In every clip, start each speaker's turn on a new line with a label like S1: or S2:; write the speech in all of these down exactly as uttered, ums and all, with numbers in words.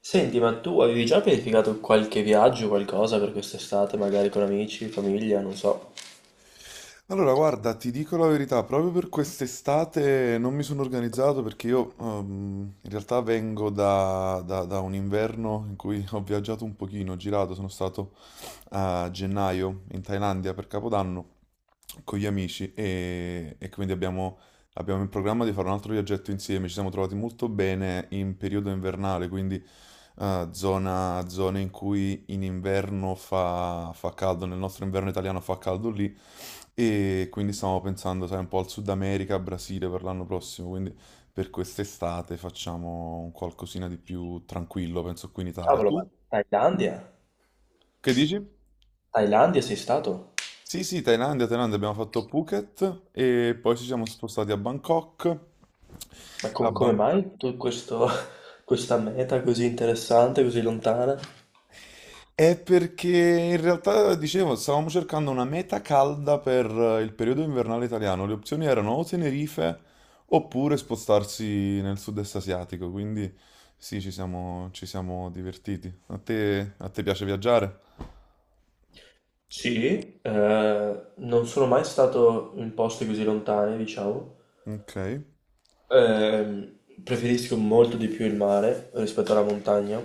S1: Senti, ma tu avevi già pianificato qualche viaggio, qualcosa per quest'estate, magari con amici, famiglia, non so.
S2: Allora, guarda, ti dico la verità, proprio per quest'estate non mi sono organizzato perché io ehm, in realtà vengo da, da- da un inverno in cui ho viaggiato un pochino, ho girato, sono stato a gennaio in Thailandia per Capodanno con gli amici e, e quindi abbiamo, abbiamo in programma di fare un altro viaggetto insieme. Ci siamo trovati molto bene in periodo invernale, quindi eh, zona, zone in cui in inverno fa, fa caldo, nel nostro inverno italiano fa caldo lì e quindi stiamo pensando, sai, un po' al Sud America, Brasile per l'anno prossimo, quindi per quest'estate facciamo un qualcosina di più tranquillo, penso qui in Italia.
S1: Cavolo,
S2: Tu?
S1: ma Thailandia?
S2: Che dici?
S1: Thailandia sei stato?
S2: Sì, sì, Thailandia, Thailandia, abbiamo fatto Phuket e poi ci siamo spostati a Bangkok.
S1: Ma
S2: A
S1: com- come
S2: Bang-
S1: mai tu questo, questa meta così interessante, così lontana?
S2: È perché in realtà, dicevo, stavamo cercando una meta calda per eh, il periodo invernale italiano. Le opzioni erano o Tenerife oppure spostarsi nel sud-est asiatico, quindi sì, ci siamo, ci siamo divertiti. A te, a te piace viaggiare?
S1: Sì, eh, non sono mai stato in posti così lontani, diciamo.
S2: Ok,
S1: Ehm, preferisco molto di più il mare rispetto alla montagna.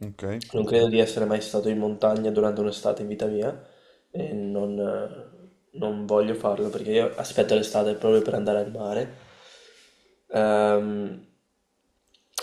S2: ok,
S1: Non credo di essere mai stato in montagna durante un'estate in vita mia e non, eh, non voglio farlo perché io aspetto l'estate proprio per andare al mare. Ehm,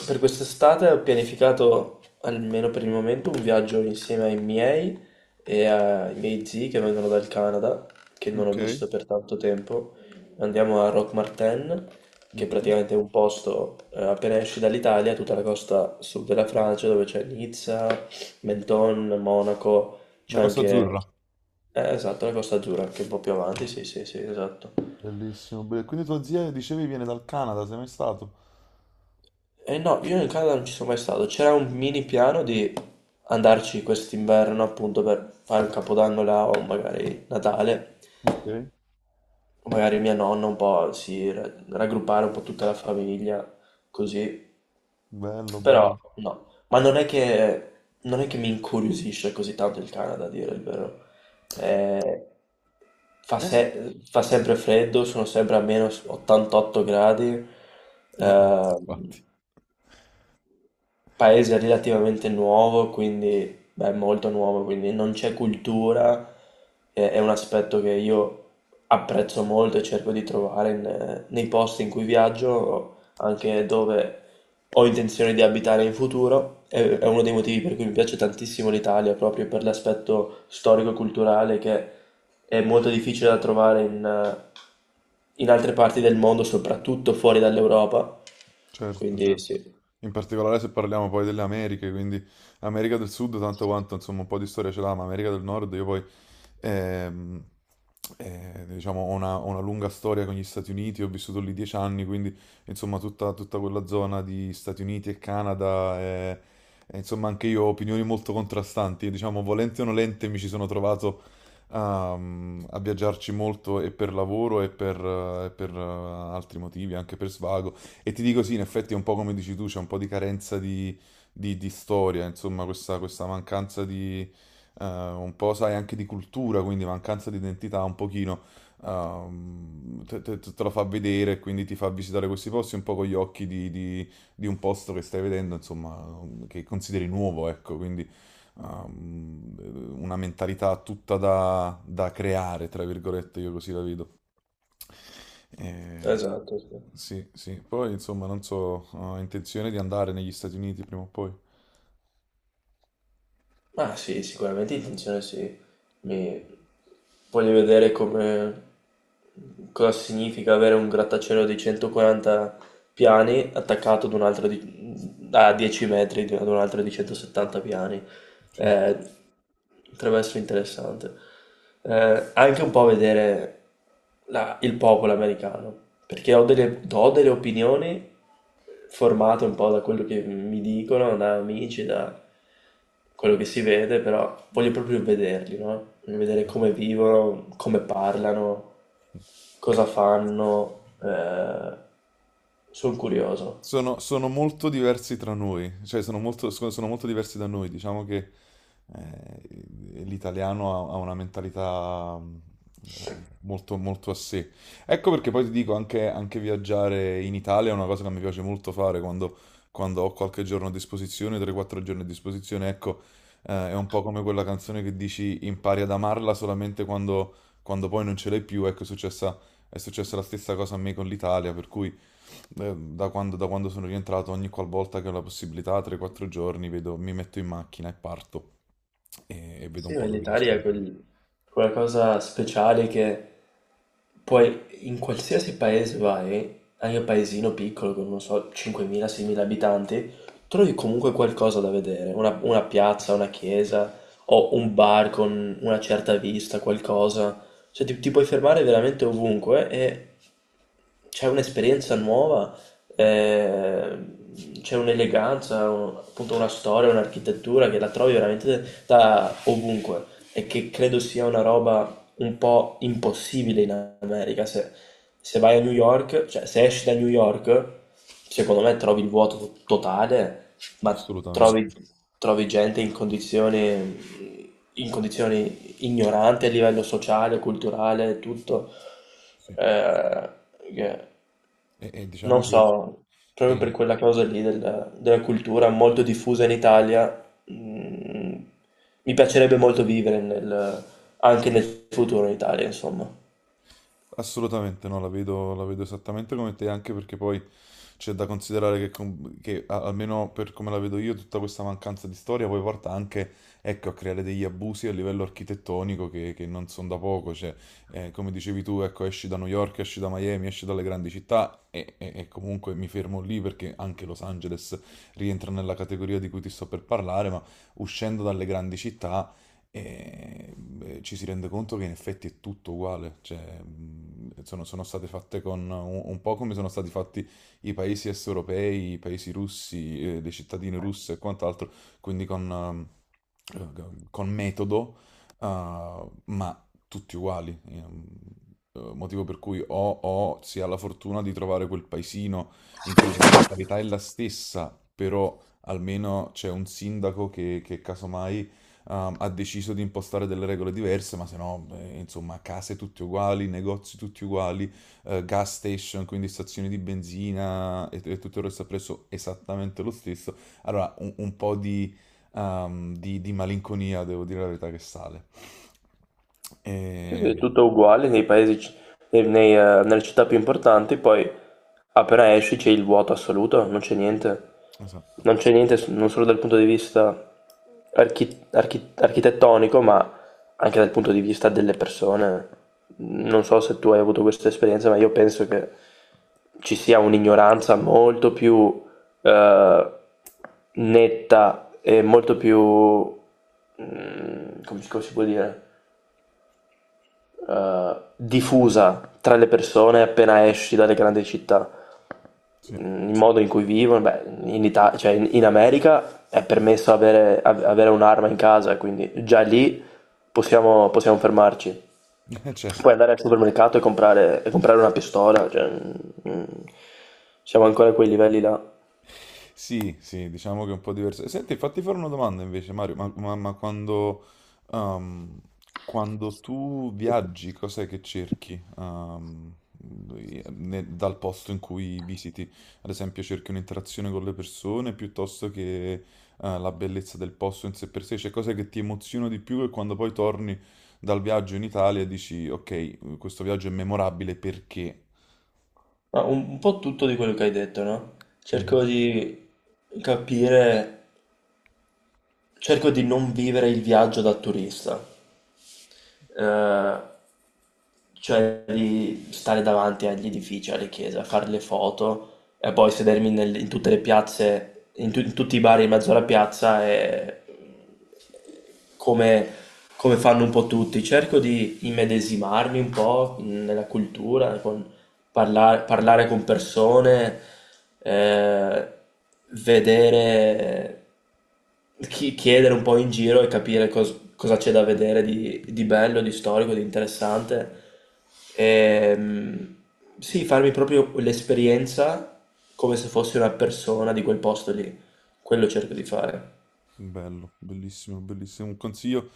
S1: per quest'estate ho pianificato, almeno per il momento, un viaggio insieme ai miei e ai miei zii che vengono dal Canada, che non ho
S2: ok,
S1: visto per tanto tempo. Andiamo a Roque Martin, che
S2: ok.
S1: praticamente è un posto, eh, appena esci dall'Italia, tutta la costa sud della Francia, dove c'è Nizza, Menton, Monaco,
S2: La
S1: c'è
S2: Costa
S1: anche,
S2: Azzurra,
S1: eh, esatto, la Costa Azzurra, anche un po' più avanti, sì, sì, sì, esatto.
S2: bellissimo. Be- Quindi tua zia, dicevi, viene dal Canada, sei mai stato?
S1: E no, io in Canada non ci sono mai stato, c'era un mini piano di andarci quest'inverno appunto per fare un capodanno là o magari Natale,
S2: Ok.
S1: magari mia nonna un po' si ra- raggruppare un po' tutta la famiglia, così.
S2: Bello, bello.
S1: Però no, ma non è che, non è che mi incuriosisce così tanto il Canada, a dire il vero. Eh, fa,
S2: Eh,
S1: se- fa sempre freddo, sono sempre a meno ottantotto gradi,
S2: Eh, infatti.
S1: ehm, paese relativamente nuovo, quindi, beh, molto nuovo, quindi non c'è cultura, e- è un aspetto che io apprezzo molto e cerco di trovare in- nei posti in cui viaggio, anche dove ho intenzione di abitare in futuro. È, è uno dei motivi per cui mi piace tantissimo l'Italia, proprio per l'aspetto storico-culturale che è molto difficile da trovare in in altre parti del mondo, soprattutto fuori dall'Europa.
S2: Certo,
S1: Quindi
S2: certo.
S1: sì,
S2: In particolare se parliamo poi delle Americhe, quindi America del Sud tanto quanto insomma un po' di storia ce l'ha, ma America del Nord io poi ehm, eh, diciamo, ho una, ho una lunga storia con gli Stati Uniti, ho vissuto lì dieci anni, quindi insomma tutta, tutta quella zona di Stati Uniti e Canada, eh, eh, insomma anche io ho opinioni molto contrastanti, diciamo volente o nolente mi ci sono trovato a, a viaggiarci molto e per lavoro e per, eh, e per, eh, altri motivi, anche per svago. E ti dico sì, in effetti è un po' come dici tu, c'è un po' di carenza di, di- di storia, insomma questa, questa mancanza di eh, un po', sai, anche di cultura, quindi mancanza di identità un pochino, ehm, te, te- te lo fa vedere, e quindi ti fa visitare questi posti un po' con gli occhi di, di- di un posto che stai vedendo, insomma, che consideri nuovo, ecco, quindi ehm, una mentalità tutta da, da creare, tra virgolette, io così la vedo. Eh,
S1: esatto, sì.
S2: sì, sì, poi insomma non so, ho intenzione di andare negli Stati Uniti prima o poi.
S1: Ah sì, sicuramente intenzione sì. Mi... Voglio vedere come... cosa significa avere un grattacielo di centoquaranta piani attaccato ad un altro di... a dieci metri di- ad un altro di centosettanta piani.
S2: Certo.
S1: Eh, Potrebbe essere interessante. Eh, anche un po' vedere la- il popolo americano, perché ho delle, ho delle opinioni formate un po' da quello che mi dicono, da amici, da quello che si vede, però voglio proprio vederli, no? Voglio vedere come vivono, come parlano, cosa fanno. Eh, sono curioso.
S2: Sono, sono molto diversi tra noi, cioè sono molto, scu- sono molto diversi da noi. Diciamo che eh, l'italiano ha, ha una mentalità mm, eh, molto, molto a sé. Ecco perché poi ti dico, anche, anche viaggiare in Italia è una cosa che mi piace molto fare quando, quando ho qualche giorno a disposizione, tre quattro giorni a disposizione. Ecco, eh, è un po' come quella canzone che dici impari ad amarla solamente quando, quando poi non ce l'hai più. Ecco, è successa, è successa la stessa cosa a me con l'Italia, per cui... Eh, da quando, da quando sono rientrato, ogni qualvolta che ho la possibilità, tre o quattro giorni, vedo- mi metto in macchina e parto e, e vedo
S1: Sì,
S2: un
S1: ma
S2: po' dove riesco
S1: l'Italia
S2: ad
S1: è
S2: andare.
S1: quel- quella cosa speciale che poi in qualsiasi paese vai, anche un paesino piccolo con, non so, cinquemila-seimila abitanti, trovi comunque qualcosa da vedere, una, una piazza, una chiesa o un bar con una certa vista, qualcosa. Cioè ti, ti puoi fermare veramente ovunque e c'è un'esperienza nuova, eh, c'è un'eleganza, un- appunto una storia, un'architettura che la trovi veramente da ovunque e che credo sia una roba un po' impossibile in America. Se, se vai a New York, cioè se esci da New York, secondo me trovi il vuoto to- totale, ma
S2: Assolutamente,
S1: trovi, trovi gente in condizioni, in condizioni ignoranti a livello sociale, culturale, tutto.
S2: sì.
S1: Eh, che-
S2: E, e diciamo
S1: non
S2: che
S1: so, proprio per
S2: è,
S1: quella cosa lì del- della cultura molto diffusa in Italia, mh, mi piacerebbe molto vivere nel- anche nel futuro in Italia, insomma.
S2: assolutamente no, la vedo, la vedo esattamente come te, anche perché poi c'è da considerare che, com- che, a- almeno per come la vedo io, tutta questa mancanza di storia poi porta anche, ecco, a creare degli abusi a livello architettonico che, che non sono da poco, cioè, eh, come dicevi tu, ecco, esci da New York, esci da Miami, esci dalle grandi città e, e- e comunque mi fermo lì perché anche Los Angeles rientra nella categoria di cui ti sto per parlare, ma uscendo dalle grandi città e beh, ci si rende conto che in effetti è tutto uguale, cioè, mh, sono, sono state fatte con un, un po' come sono stati fatti i paesi est europei, i paesi russi, eh, dei cittadini russi e quant'altro, quindi con, ehm, eh, con metodo, eh, ma tutti uguali. Ehm, eh, Motivo per cui o, o si ha la fortuna di trovare quel paesino in cui la mentalità è la stessa, però almeno c'è un sindaco che, che casomai ehm, ha deciso di impostare delle regole diverse, ma se no, eh, insomma, case tutte uguali, negozi tutti uguali, eh, gas station, quindi stazioni di benzina e, e tutto il resto ha preso esattamente lo stesso. Allora, un, un po' di, ehm, di- di malinconia, devo dire la verità, che sale.
S1: Sì, sì, è
S2: E-
S1: tutto uguale nei paesi, nei- nei, eh, nelle città più importanti, poi appena esci c'è il vuoto assoluto, non c'è niente,
S2: esatto,
S1: non c'è niente s- non solo dal punto di vista archi- archi- architettonico, ma anche dal punto di vista delle persone. Non so se tu hai avuto questa esperienza, ma io penso che ci sia un'ignoranza molto più, eh, netta e molto più... mm, come si come si può dire? Eh, diffusa tra le persone appena esci dalle grandi città.
S2: sì,
S1: Mm, il modo in cui vivono, beh, in Ita- cioè in, in America è permesso avere, av- avere un'arma in casa, quindi già lì possiamo, possiamo fermarci. Puoi
S2: certo.
S1: andare al supermercato e comprare, e comprare una pistola, cioè, mm, siamo ancora a quei livelli là.
S2: Sì, sì, diciamo che è un po' diverso. Senti, fatti fare una domanda invece, Mario, ma, ma- ma quando, ehm, quando tu viaggi, cos'è che cerchi? ehm, ne- dal posto in cui visiti? Ad esempio, cerchi un'interazione con le persone piuttosto che, eh, la bellezza del posto in sé per sé? Cioè, cos'è che ti emoziona di più e quando poi torni dal viaggio in Italia dici, ok, questo viaggio è memorabile perché...
S1: Ma un, un po' tutto di quello che hai detto, no?
S2: Mm,
S1: Cerco di capire, cerco di non vivere il viaggio da turista. Eh, cioè di stare davanti agli edifici, alle chiese, a fare le foto e poi sedermi nel- in tutte le piazze, in, tu- in tutti i bar in mezzo alla piazza e come, come fanno un po' tutti. Cerco di immedesimarmi un po' in- nella cultura, con Parla- parlare con persone, eh, vedere, chi- chiedere un po' in giro e capire cos- cosa c'è da vedere di, di bello, di storico, di interessante. Ehm, sì, farmi proprio l'esperienza come se fossi una persona di quel posto lì. Quello cerco di fare.
S2: bello, bellissimo, bellissimo. Un consiglio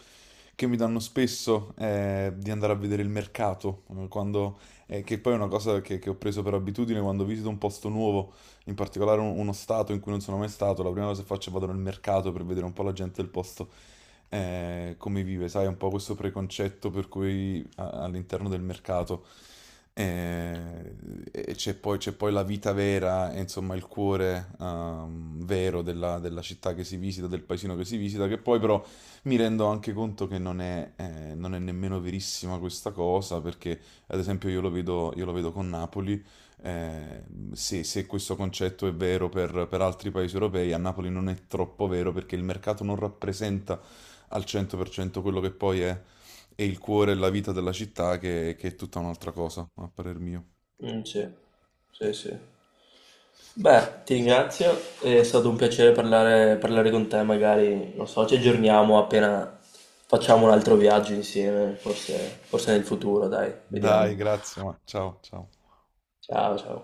S2: che mi danno spesso è di andare a vedere il mercato, eh, quando, eh, che poi è una cosa che, che ho preso per abitudine quando visito un posto nuovo, in particolare un- uno stato in cui non sono mai stato, la prima cosa che faccio è vado nel mercato per vedere un po' la gente del posto eh, come vive, sai, un po' questo preconcetto per cui a- all'interno del mercato eh, e c'è poi, c'è poi la vita vera, e insomma il cuore ehm, vero della, della città che si visita, del paesino che si visita, che poi però mi rendo anche conto che non è, eh, non è nemmeno verissima questa cosa, perché ad esempio io lo vedo, io lo vedo con Napoli, eh, se, se questo concetto è vero per, per altri paesi europei, a Napoli non è troppo vero perché il mercato non rappresenta al cento per cento quello che poi è, è il cuore e la vita della città, che, che è tutta un'altra cosa, a parer mio.
S1: Mm, sì, sì, sì. Beh, ti ringrazio, è stato un piacere parlare, parlare con te, magari, non so, ci aggiorniamo appena facciamo un altro viaggio insieme, forse, forse nel futuro, dai,
S2: Dai,
S1: vediamo.
S2: grazie, ma ciao, ciao.
S1: Ciao, ciao.